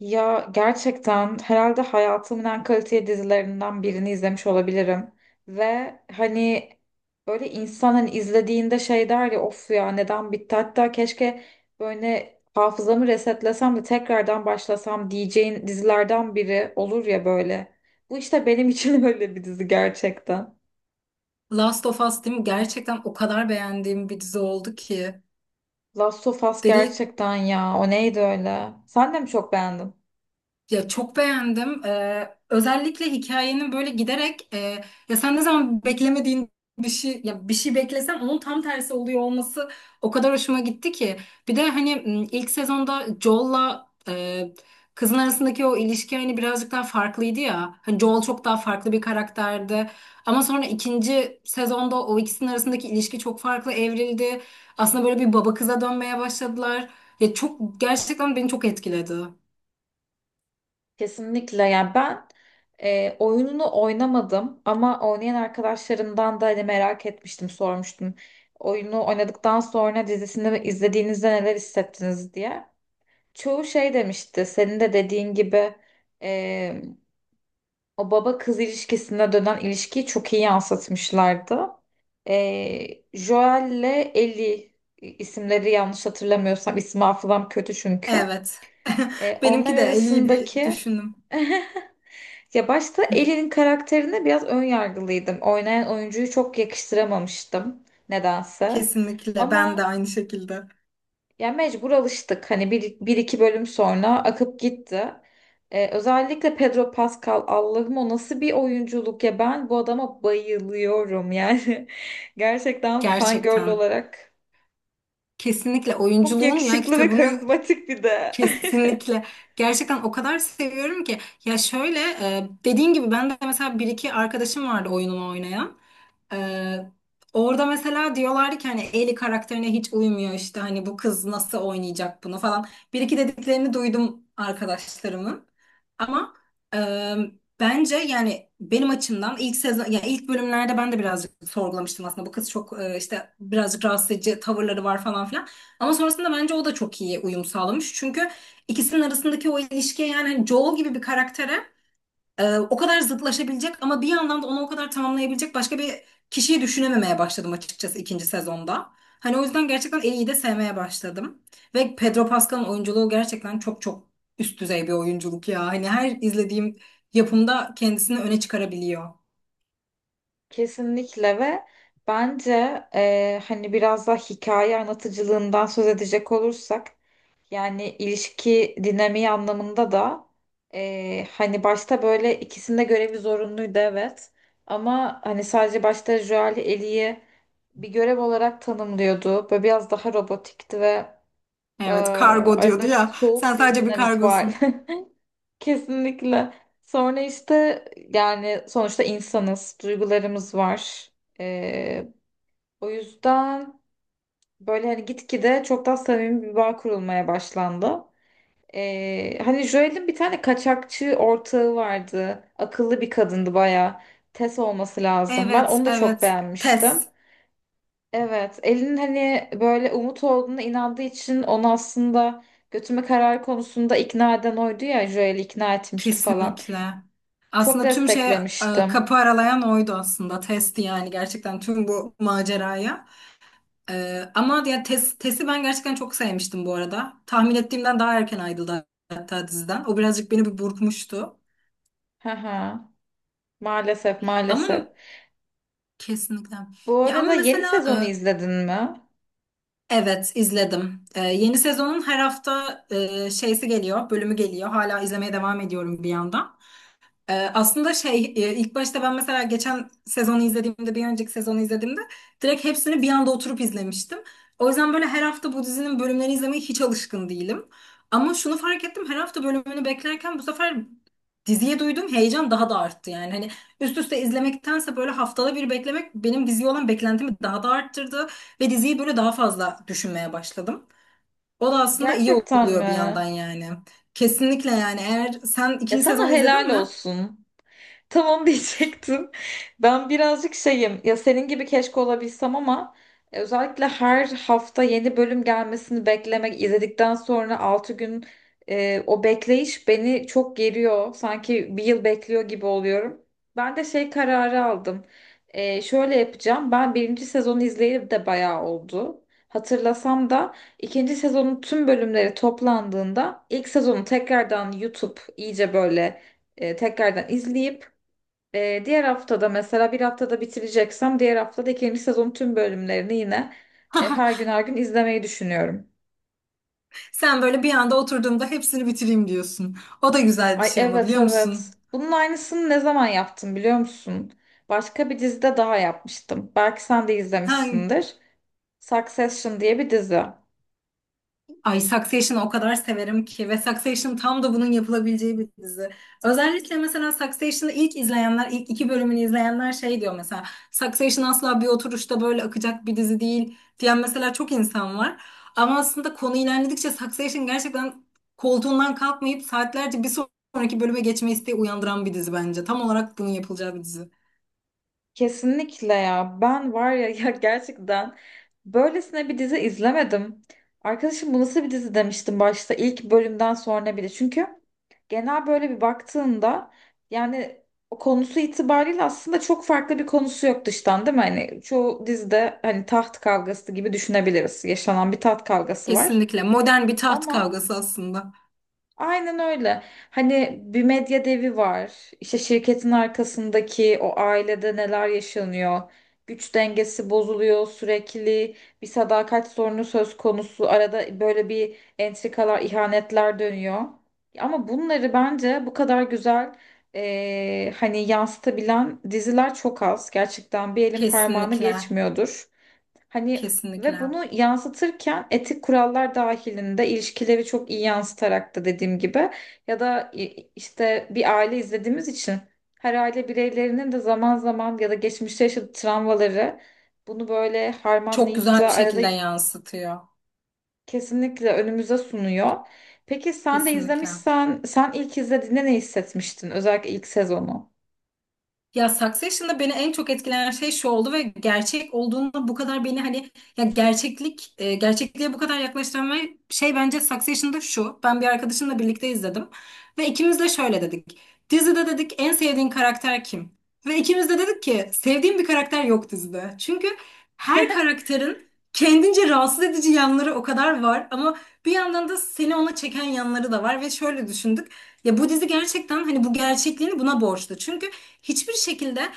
Ya gerçekten herhalde hayatımın en kaliteli dizilerinden birini izlemiş olabilirim. Ve hani böyle insan hani izlediğinde şey der ya of ya neden bitti hatta keşke böyle hafızamı resetlesem de tekrardan başlasam diyeceğin dizilerden biri olur ya böyle. Bu işte benim için öyle bir dizi gerçekten. Last of Us değil mi? Gerçekten o kadar beğendiğim bir dizi oldu ki. Last of Us Dedi, gerçekten ya o neydi öyle? Sen de mi çok beğendin? ya çok beğendim. Özellikle hikayenin böyle giderek ya sen ne zaman beklemediğin bir şey ya bir şey beklesen onun tam tersi oluyor olması o kadar hoşuma gitti ki. Bir de hani ilk sezonda Joel'la kızın arasındaki o ilişki hani birazcık daha farklıydı ya. Hani Joel çok daha farklı bir karakterdi. Ama sonra ikinci sezonda o ikisinin arasındaki ilişki çok farklı evrildi. Aslında böyle bir baba kıza dönmeye başladılar. Ya çok gerçekten beni çok etkiledi. Kesinlikle yani ben oyununu oynamadım ama oynayan arkadaşlarımdan da hani merak etmiştim sormuştum. Oyunu oynadıktan sonra dizisini izlediğinizde neler hissettiniz diye. Çoğu şey demişti senin de dediğin gibi e, o baba kız ilişkisine dönen ilişkiyi çok iyi yansıtmışlardı. Joel'le Ellie isimleri yanlış hatırlamıyorsam isim hafızam kötü çünkü. Evet. Onlar Benimki de el iyi bir arasındaki düşündüm. ya başta Ellie'nin karakterine biraz ön yargılıydım. Oynayan oyuncuyu çok yakıştıramamıştım nedense. Kesinlikle. Ben de Ama aynı şekilde. ya mecbur alıştık. Hani bir iki bölüm sonra akıp gitti. Özellikle Pedro Pascal Allah'ım o nasıl bir oyunculuk ya ben bu adama bayılıyorum yani. Gerçekten fangirl Gerçekten. olarak Kesinlikle çok oyunculuğun ya yakışıklı ve kitabını. karizmatik bir de. Kesinlikle. Gerçekten o kadar seviyorum ki. Ya şöyle dediğin gibi ben de mesela bir iki arkadaşım vardı oyunumu oynayan. E, Orada mesela diyorlardı ki hani Ellie karakterine hiç uymuyor işte hani bu kız nasıl oynayacak bunu falan. Bir iki dediklerini duydum arkadaşlarımın. Ama e, bence yani benim açımdan ilk sezon ya ilk bölümlerde ben de birazcık sorgulamıştım aslında. Bu kız çok işte birazcık rahatsız edici tavırları var falan filan. Ama sonrasında bence o da çok iyi uyum sağlamış. Çünkü ikisinin arasındaki o ilişkiye yani hani Joel gibi bir karaktere o kadar zıtlaşabilecek ama bir yandan da onu o kadar tamamlayabilecek başka bir kişiyi düşünememeye başladım açıkçası ikinci sezonda. Hani o yüzden gerçekten Ellie'yi de sevmeye başladım. Ve Pedro Pascal'ın oyunculuğu gerçekten çok çok üst düzey bir oyunculuk ya. Hani her izlediğim yapımda kendisini öne çıkarabiliyor. Kesinlikle ve bence hani biraz daha hikaye anlatıcılığından söz edecek olursak yani ilişki dinamiği anlamında da hani başta böyle ikisinde görevi zorunluydu evet ama hani sadece başta Joel Ellie'yi bir görev olarak tanımlıyordu. Böyle biraz daha robotikti ve Evet, kargo diyordu aralarında ya. Sen soğuk bir sadece bir dinamik var. kargosun. Kesinlikle. Sonra işte yani sonuçta insanız, duygularımız var. Ee, o yüzden böyle hani gitgide çok daha samimi bir bağ kurulmaya başlandı. Hani Joel'in bir tane kaçakçı ortağı vardı. Akıllı bir kadındı baya. Tess olması lazım. Ben Evet, onu da çok evet. beğenmiştim. Test, Evet, Elin hani böyle umut olduğuna inandığı için onu aslında götürme kararı konusunda ikna eden oydu ya Joel'i ikna etmişti falan. kesinlikle. Çok Aslında tüm şey desteklemiştim. kapı aralayan oydu aslında. Testi yani gerçekten tüm bu maceraya. E, ama ya tes, Test'i ben gerçekten çok sevmiştim bu arada. Tahmin ettiğimden daha erken ayrıldı hatta diziden. O birazcık beni bir burkmuştu. Hı hı. Maalesef Ama maalesef. kesinlikle. Bu Ya ama arada yeni mesela sezonu izledin mi? Evet izledim. E, yeni sezonun her hafta şeysi geliyor, bölümü geliyor. Hala izlemeye devam ediyorum bir yandan. Aslında şey ilk başta ben mesela geçen sezonu izlediğimde bir önceki sezonu izlediğimde direkt hepsini bir anda oturup izlemiştim. O yüzden böyle her hafta bu dizinin bölümlerini izlemeye hiç alışkın değilim. Ama şunu fark ettim, her hafta bölümünü beklerken bu sefer diziye duyduğum heyecan daha da arttı. Yani hani üst üste izlemektense böyle haftada bir beklemek benim diziye olan beklentimi daha da arttırdı. Ve diziyi böyle daha fazla düşünmeye başladım. O da aslında iyi Gerçekten oluyor bir mi? yandan yani. Kesinlikle yani, eğer sen Ya ikinci sana sezonu helal izledin mi? olsun. Tamam diyecektim. Ben birazcık şeyim ya senin gibi keşke olabilsem ama özellikle her hafta yeni bölüm gelmesini beklemek izledikten sonra 6 gün o bekleyiş beni çok geriyor. Sanki bir yıl bekliyor gibi oluyorum. Ben de şey kararı aldım. Şöyle yapacağım. Ben birinci sezonu izleyip de bayağı oldu. Hatırlasam da ikinci sezonun tüm bölümleri toplandığında ilk sezonu tekrardan YouTube iyice böyle tekrardan izleyip diğer haftada mesela bir haftada bitireceksem diğer haftada ikinci sezonun tüm bölümlerini yine her gün her gün izlemeyi düşünüyorum. Sen böyle bir anda oturduğumda hepsini bitireyim diyorsun. O da güzel bir Ay, şey ama evet, biliyor evet. musun? Bunun aynısını ne zaman yaptım biliyor musun? Başka bir dizide daha yapmıştım. Belki sen de Ha, izlemişsindir. Succession diye bir dizi. ay Succession'ı o kadar severim ki, ve Succession tam da bunun yapılabileceği bir dizi. Özellikle mesela Succession'ı ilk izleyenler, ilk iki bölümünü izleyenler şey diyor mesela. Succession asla bir oturuşta böyle akacak bir dizi değil diyen mesela çok insan var. Ama aslında konu ilerledikçe Succession gerçekten koltuğundan kalkmayıp saatlerce bir sonraki bölüme geçme isteği uyandıran bir dizi bence. Tam olarak bunun yapılacağı bir dizi. Kesinlikle ya. Ben var ya, ya gerçekten böylesine bir dizi izlemedim. Arkadaşım bu nasıl bir dizi demiştim başta ilk bölümden sonra bile. Çünkü genel böyle bir baktığında yani o konusu itibariyle aslında çok farklı bir konusu yok dıştan değil mi? Hani çoğu dizide hani taht kavgası gibi düşünebiliriz. Yaşanan bir taht kavgası var. Kesinlikle. Modern bir taht Ama kavgası aslında. aynen öyle. Hani bir medya devi var. İşte şirketin arkasındaki o ailede neler yaşanıyor. Güç dengesi bozuluyor sürekli. Bir sadakat sorunu söz konusu. Arada böyle bir entrikalar, ihanetler dönüyor. Ama bunları bence bu kadar güzel hani yansıtabilen diziler çok az. Gerçekten bir elin parmağını Kesinlikle. geçmiyordur. Hani ve Kesinlikle. bunu yansıtırken etik kurallar dahilinde ilişkileri çok iyi yansıtarak da dediğim gibi ya da işte bir aile izlediğimiz için her aile bireylerinin de zaman zaman ya da geçmişte yaşadığı travmaları bunu böyle Çok harmanlayıp güzel da bir arada şekilde yansıtıyor. kesinlikle önümüze sunuyor. Peki sen de Kesinlikle. izlemişsen sen ilk izlediğinde ne hissetmiştin? Özellikle ilk sezonu. Ya Succession'da beni en çok etkileyen şey şu oldu ve gerçek olduğunda bu kadar beni hani ya gerçeklik gerçekliğe bu kadar yaklaştıran ve şey bence Succession'da şu. Ben bir arkadaşımla birlikte izledim ve ikimiz de şöyle dedik. Dizide dedik en sevdiğin karakter kim? Ve ikimiz de dedik ki sevdiğim bir karakter yok dizide. Çünkü her karakterin kendince rahatsız edici yanları o kadar var ama bir yandan da seni ona çeken yanları da var ve şöyle düşündük. Ya bu dizi gerçekten hani bu gerçekliğini buna borçlu. Çünkü hiçbir şekilde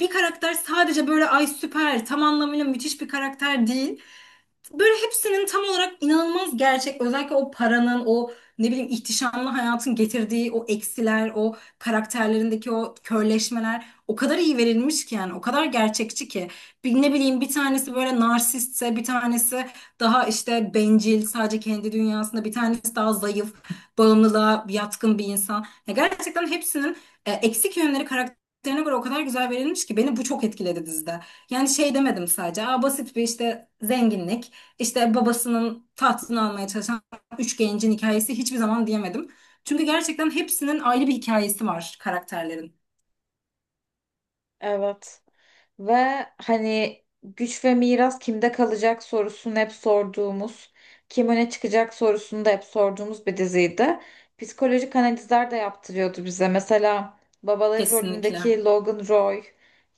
bir karakter sadece böyle ay süper tam anlamıyla müthiş bir karakter değil, böyle hepsinin tam olarak inanılmaz gerçek. Özellikle o paranın, o ne bileyim ihtişamlı hayatın getirdiği o eksiler, o karakterlerindeki o körleşmeler o kadar iyi verilmiş ki yani o kadar gerçekçi ki. Bir, ne bileyim bir tanesi böyle narsistse, bir tanesi daha işte bencil, sadece kendi dünyasında, bir tanesi daha zayıf, bağımlılığa yatkın bir insan. Ya gerçekten hepsinin eksik yönleri karakterine göre o kadar güzel verilmiş ki beni bu çok etkiledi dizide. Yani şey demedim sadece. Aa, basit bir işte zenginlik. İşte babasının tahtını almaya çalışan üç gencin hikayesi hiçbir zaman diyemedim. Çünkü gerçekten hepsinin ayrı bir hikayesi var karakterlerin. Evet. Ve hani güç ve miras kimde kalacak sorusunu hep sorduğumuz, kim öne çıkacak sorusunu da hep sorduğumuz bir diziydi. Psikolojik analizler de yaptırıyordu bize. Mesela babaları Kesinlikle. rolündeki Logan Roy.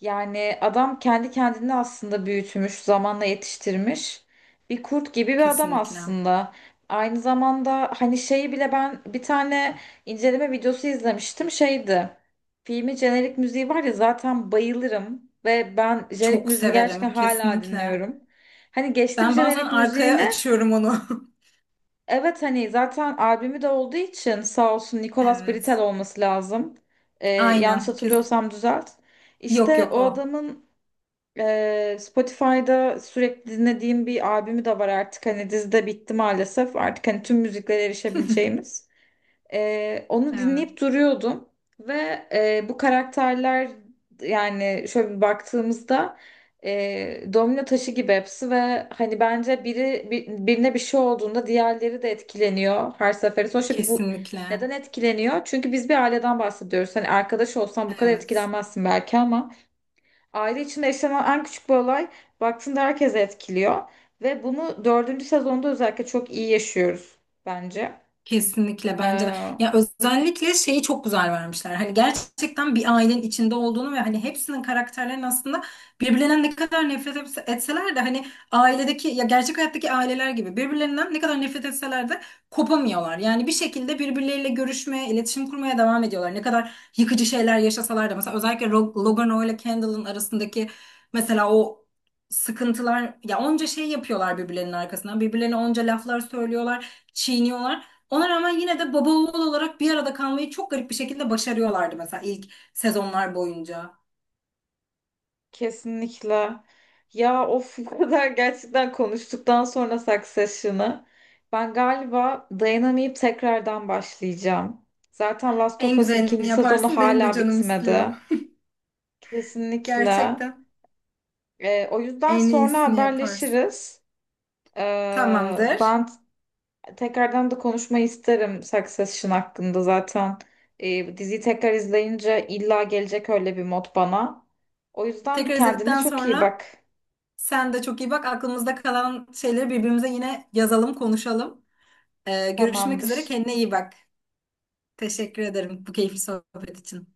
Yani adam kendi kendini aslında büyütmüş, zamanla yetiştirmiş. Bir kurt gibi bir adam Kesinlikle. aslında. Aynı zamanda hani şeyi bile ben bir tane inceleme videosu izlemiştim şeydi. Filmin jenerik müziği var ya zaten bayılırım ve ben jenerik Çok müziği gerçekten severim. hala Kesinlikle. dinliyorum. Hani geçtim Ben bazen jenerik arkaya müziğine. açıyorum onu. Evet hani zaten albümü de olduğu için sağ olsun Nicolas Britel Evet. olması lazım. Yanlış Aynen. Kes. hatırlıyorsam düzelt. Yok İşte yok o o. adamın Spotify'da sürekli dinlediğim bir albümü de var artık. Hani dizide bitti maalesef. Artık hani tüm müziklere erişebileceğimiz. Onu Evet. dinleyip duruyordum ve bu karakterler yani şöyle bir baktığımızda domino taşı gibi hepsi ve hani bence biri birine bir şey olduğunda diğerleri de etkileniyor her seferinde. Sonuçta bu Kesinlikle. neden etkileniyor? Çünkü biz bir aileden bahsediyoruz. Hani arkadaş olsan bu kadar Evet. etkilenmezsin belki ama aile içinde yaşanan en küçük bir olay baktığında herkese etkiliyor ve bunu dördüncü sezonda özellikle çok iyi yaşıyoruz bence. Kesinlikle bence de. Ya özellikle şeyi çok güzel vermişler. Hani gerçekten bir ailenin içinde olduğunu ve hani hepsinin karakterlerinin aslında birbirlerinden ne kadar etseler de hani ailedeki ya gerçek hayattaki aileler gibi birbirlerinden ne kadar nefret etseler de kopamıyorlar. Yani bir şekilde birbirleriyle görüşmeye, iletişim kurmaya devam ediyorlar. Ne kadar yıkıcı şeyler yaşasalar da mesela özellikle Logan Roy ile Kendall'ın arasındaki mesela o sıkıntılar ya onca şey yapıyorlar birbirlerinin arkasından. Birbirlerine onca laflar söylüyorlar, çiğniyorlar. Ona rağmen yine de baba oğul olarak bir arada kalmayı çok garip bir şekilde başarıyorlardı mesela ilk sezonlar boyunca. Kesinlikle. Ya of bu kadar gerçekten konuştuktan sonra Succession'ı ben galiba dayanamayıp tekrardan başlayacağım. Zaten Last of En Us'ın güzelini ikinci sezonu yaparsın, benim de hala canım bitmedi. istiyor. Kesinlikle. Gerçekten O yüzden en sonra iyisini yaparsın. haberleşiriz. Tamamdır. Ben tekrardan da konuşmayı isterim Succession hakkında zaten. Diziyi tekrar izleyince illa gelecek öyle bir mod bana. O yüzden Tekrar kendine izledikten çok iyi sonra bak. sen de çok iyi bak. Aklımızda kalan şeyleri birbirimize yine yazalım, konuşalım. Görüşmek Tamamdır. üzere. Kendine iyi bak. Teşekkür ederim bu keyifli sohbet için.